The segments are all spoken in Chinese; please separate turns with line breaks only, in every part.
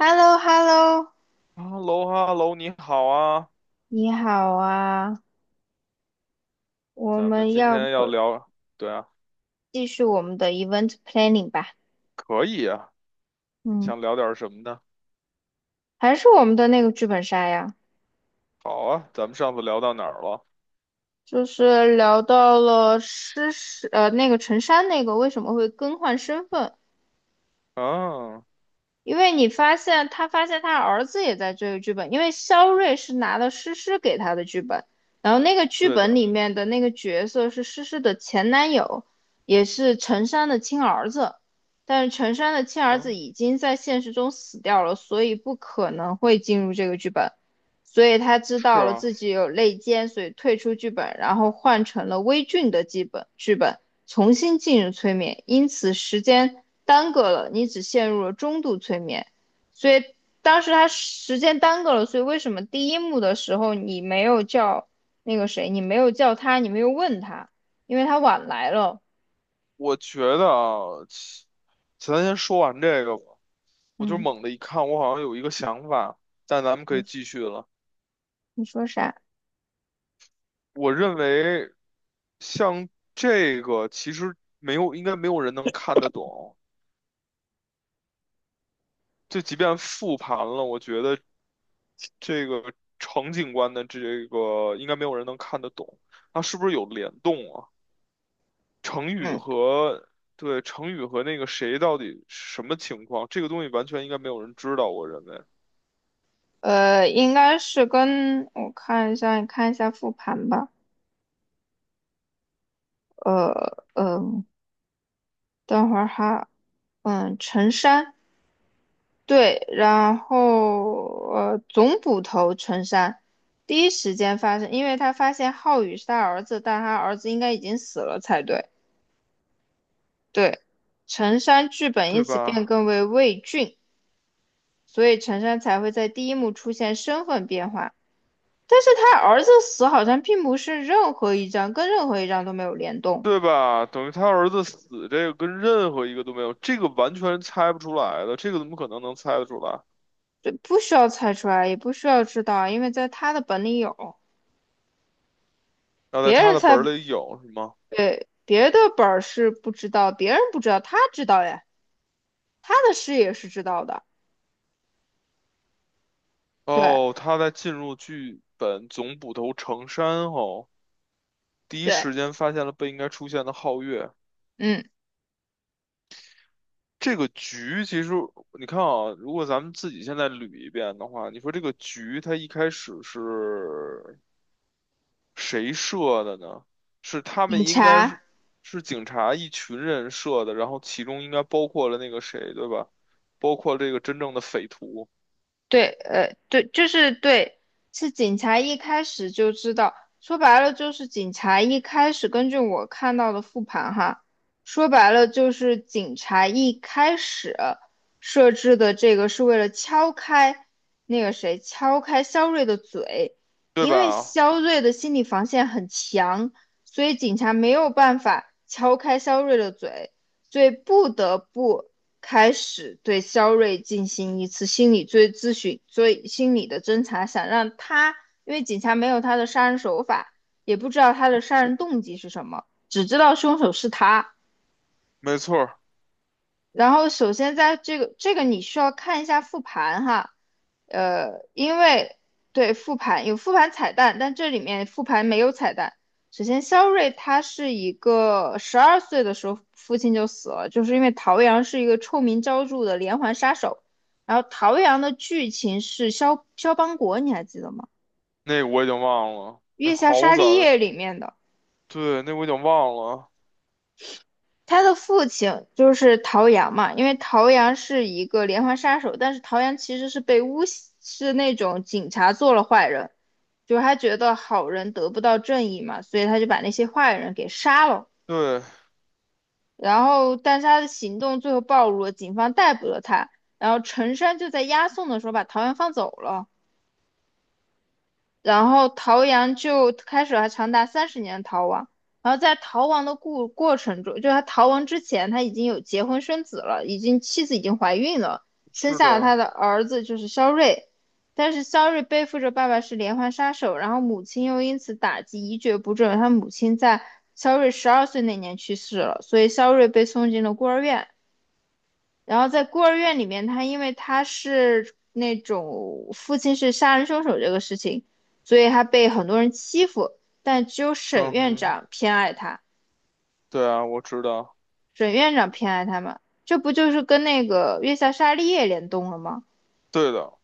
hello hello
哈喽哈喽，你好啊，
你好啊，我
咱们
们
今
要
天要
不
聊，对啊，
继续我们的 event planning 吧？
可以啊，
嗯，
想聊点什么呢？
还是我们的那个剧本杀呀，
好啊，咱们上次聊到哪儿了？
就是聊到了诗诗，那个陈珊那个为什么会更换身份，
嗯，
因为你发现他发现他儿子也在追个剧本，因为肖瑞是拿了诗诗给他的剧本，然后那个剧
对
本
的，
里面的那个角色是诗诗的前男友，也是陈山的亲儿子，但是陈山的亲儿子
嗯，
已经在现实中死掉了，所以不可能会进入这个剧本，所以他知
是
道了
啊，
自己有内奸，所以退出剧本，然后换成了微俊的剧本。重新进入催眠，因此时间耽搁了，你只陷入了中度催眠。所以当时他时间耽搁了，所以为什么第一幕的时候你没有叫那个谁，你没有叫他，你没有问他，因为他晚来了。
我觉得啊，其咱先说完这个吧。我就
嗯，
猛地一看，我好像有一个想法，但咱们可以继
你
续了。
你说啥？
我认为，像这个其实没有，应该没有人能看得懂。就即便复盘了，我觉得。这个程警官的这个应该没有人能看得懂，它是不是有联动啊？程宇
嗯，
和对程宇和那个谁到底什么情况？这个东西完全应该没有人知道，我认为，
应该是跟我看一下，你看一下复盘吧。呃，嗯、呃等会儿哈，嗯，陈山。对，然后总捕头陈山第一时间发现，因为他发现浩宇是他儿子，但他儿子应该已经死了才对。对，陈山剧本
对
因此变
吧？
更为魏俊，所以陈山才会在第一幕出现身份变化。但是他儿子死好像并不是任何一张跟任何一张都没有联动，
对吧？等于他儿子死，这个跟任何一个都没有，这个完全猜不出来的，这个怎么可能能猜得出来？
对，不需要猜出来，也不需要知道，因为在他的本里有，
要在
别
他
人
的本
猜。
儿里有是吗？
对，别的本儿是不知道，别人不知道，他知道呀，他的事也是知道的。对
哦，他在进入剧本总捕头程山后，第一
对，
时间发现了不应该出现的皓月。
嗯，
这个局其实你看啊，如果咱们自己现在捋一遍的话，你说这个局它一开始是谁设的呢？是他
警
们应该是
察。
是警察一群人设的，然后其中应该包括了那个谁，对吧？包括这个真正的匪徒，
对，对，就是对，是警察一开始就知道，说白了就是警察一开始根据我看到的复盘哈，说白了就是警察一开始设置的这个是为了敲开那个谁，敲开肖瑞的嘴，
对
因为
吧？
肖瑞的心理防线很强，所以警察没有办法敲开肖瑞的嘴，所以不得不。开始对肖瑞进行一次心理追咨询、追心理的侦查，想让他，因为警察没有他的杀人手法，也不知道他的杀人动机是什么，只知道凶手是他。
没错儿。
然后首先在这个你需要看一下复盘哈，因为对复盘有复盘彩蛋，但这里面复盘没有彩蛋。首先，肖瑞他是一个十二岁的时候父亲就死了，就是因为陶阳是一个臭名昭著的连环杀手。然后陶阳的剧情是肖肖邦国，你还记得吗？
那我已经忘了，那
《月下
好
沙利
早，
叶》里面的。
对，那我已经忘了，
他的父亲就是陶阳嘛，因为陶阳是一个连环杀手，但是陶阳其实是被诬是那种警察做了坏人，就是他觉得好人得不到正义嘛，所以他就把那些坏人给杀了。
对，
然后，但是他的行动最后暴露了，警方逮捕了他。然后陈山就在押送的时候把陶阳放走了。然后陶阳就开始了长达30年的逃亡，然后在逃亡的过程中，就他逃亡之前，他已经有结婚生子了，已经妻子已经怀孕了，生
是
下了他
的，
的儿子就是肖瑞，但是肖瑞背负着爸爸是连环杀手，然后母亲又因此打击一蹶不振，他母亲在肖瑞十二岁那年去世了，所以肖瑞被送进了孤儿院，然后在孤儿院里面，他因为他是那种父亲是杀人凶手这个事情，所以他被很多人欺负，但只有沈
嗯
院
哼，
长偏爱他，
对啊，我知道，
沈院长偏爱他嘛，这不就是跟那个月下沙利叶联动了吗？
对的。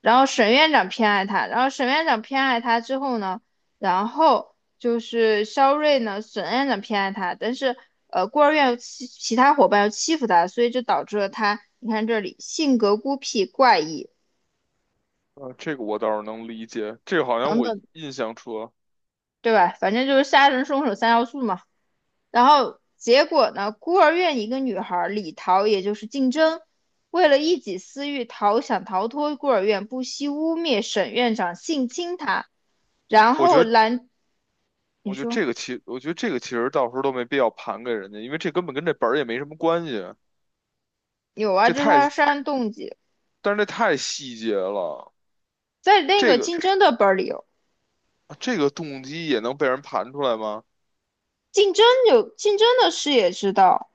然后沈院长偏爱他，然后沈院长偏爱他之后呢，然后就是肖瑞呢，沈院长偏爱他，但是孤儿院其他伙伴又欺负他，所以就导致了他，你看这里性格孤僻怪异。
啊，这个我倒是能理解，这个好像我印象中，
对吧？反正就是杀人凶手三要素嘛。然后结果呢，孤儿院一个女孩李桃，也就是竞争，为了一己私欲逃想逃脱孤儿院，不惜污蔑沈院长性侵她，然
我
后
觉得，
兰，你说
我觉得这个其实到时候都没必要盘给人家，因为这根本跟这本儿也没什么关系，
有啊，
这
这是
太，
她的杀人动机，
但是这太细节了，
在那
这
个
个
竞争的本儿里有，
这个动机也能被人盘出来吗？
竞争有竞争的事也知道。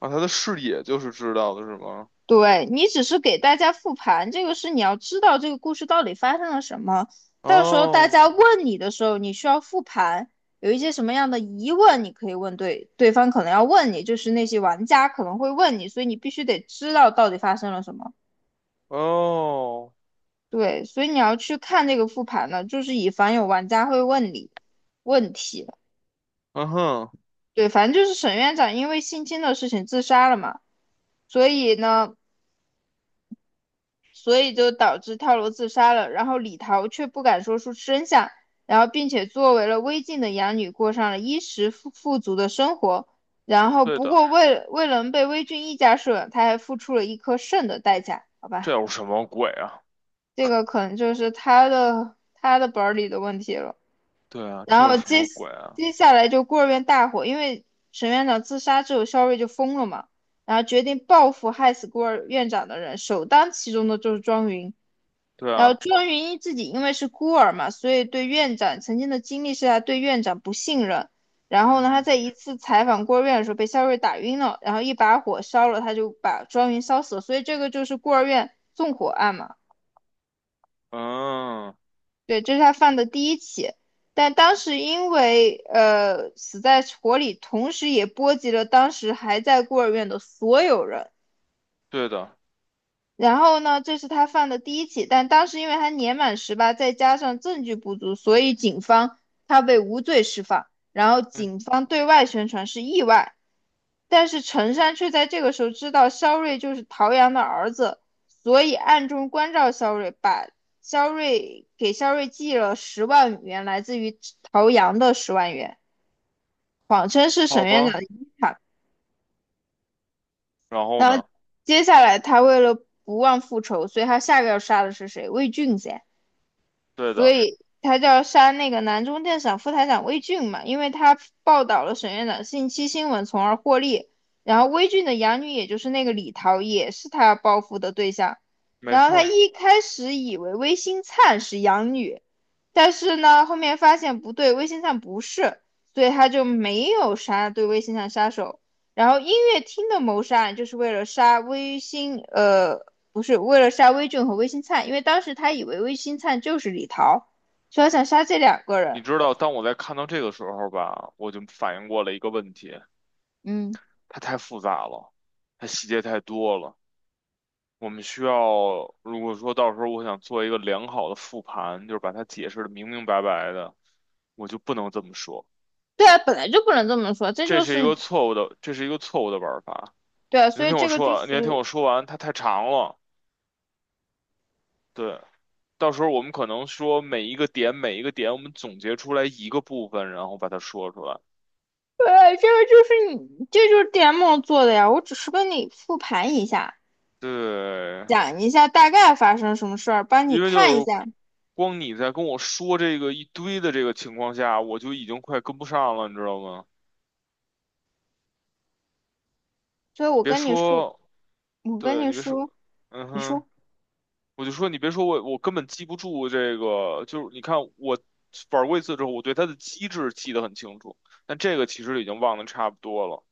啊，他的视野就是知道的是吗？
对，你只是给大家复盘，这个是你要知道这个故事到底发生了什么。到时候大
哦。
家问你的时候，你需要复盘，有一些什么样的疑问，你可以问对，对方可能要问你，就是那些玩家可能会问你，所以你必须得知道到底发生了什么。
哦，
对，所以你要去看这个复盘呢，就是以防有玩家会问你问题。
嗯哼，
对，反正就是沈院长因为性侵的事情自杀了嘛，所以呢，所以就导致跳楼自杀了。然后李桃却不敢说出真相，然后并且作为了微晋的养女，过上了衣食富足的生活。然后
对
不
的，
过为了能被微俊一家收养，他还付出了一颗肾的代价，好吧？
这有什么鬼啊？
这个可能就是他的本儿里的问题了。
对啊，这
然
有
后
什
接
么鬼啊？
接下来就孤儿院大火，因为沈院长自杀之后，肖瑞就疯了嘛，然后决定报复害死孤儿院长的人，首当其冲的就是庄云。
对
然后
啊，
庄云一自己因为是孤儿嘛，所以对院长曾经的经历是他对院长不信任。然后
嗯
呢，他
哼，
在一次采访孤儿院的时候被肖瑞打晕了，然后一把火烧了，他就把庄云烧死了。所以这个就是孤儿院纵火案嘛，
嗯，
对，这是他犯的第一起。但当时因为死在火里，同时也波及了当时还在孤儿院的所有人。
对的，
然后呢，这是他犯的第一起，但当时因为他年满18，再加上证据不足，所以警方他被无罪释放。然后
嗯，
警方对外宣传是意外，但是陈山却在这个时候知道肖瑞就是陶阳的儿子，所以暗中关照肖瑞，把肖瑞给肖瑞寄了十万元，来自于陶阳的十万元，谎称是
好
沈院长
吧，
的遗产。
然后
然后
呢？
接下来他为了不忘复仇，所以他下个要杀的是谁？魏俊噻。
对
所
的，
以他就要杀那个南中电厂副台长魏俊嘛，因为他报道了沈院长性侵新闻，从而获利。然后魏俊的养女，也就是那个李桃，也是他要报复的对象。
没
然后
错
他
儿。
一开始以为魏新灿是养女，但是呢，后面发现不对，魏新灿不是，所以他就没有杀对魏新灿杀手。然后音乐厅的谋杀案就是为了杀魏新，不是为了杀威俊和魏新灿，因为当时他以为魏新灿就是李桃，所以他想杀这两个
你
人。
知道，当我在看到这个时候吧，我就反应过了一个问题，
嗯，
它太复杂了，它细节太多了。我们需要，如果说到时候我想做一个良好的复盘，就是把它解释的明明白白的，我就不能这么说。
对啊，本来就不能这么说，这就是你
这是一个错误的玩法。
对啊，所
您
以
听
这
我
个就是
说，您听我说完，它太长了。对，到时候我们可能说每一个点，每一个点，我们总结出来一个部分，然后把它说出来。
对啊，这个就是你，这就是 DM 做的呀。我只是跟你复盘一下，
对，
讲一下大概发生什么事儿，帮你
因为
看一
就
下。
光你在跟我说这个一堆的这个情况下，我就已经快跟不上了，你知道吗？
所以
你
我
别
跟你说，
说，
我跟
对，
你
你别说，
说，
嗯
你
哼，
说
我就说你别说我，我根本记不住这个，就是你看我玩过一次之后，我对它的机制记得很清楚，但这个其实已经忘得差不多了，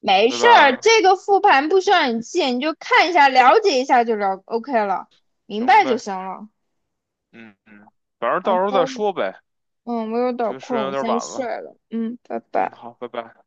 没
对
事儿，
吧？
这个复盘不需要你记，你就看一下，了解一下就了 OK 了，明
行
白就
呗，
行了。
嗯嗯，反正
啊，
到时候再说呗，
我有点
觉
儿
得时
困，
间有
我
点
先
晚
睡
了，
了。嗯，拜
嗯，
拜。
好，拜拜。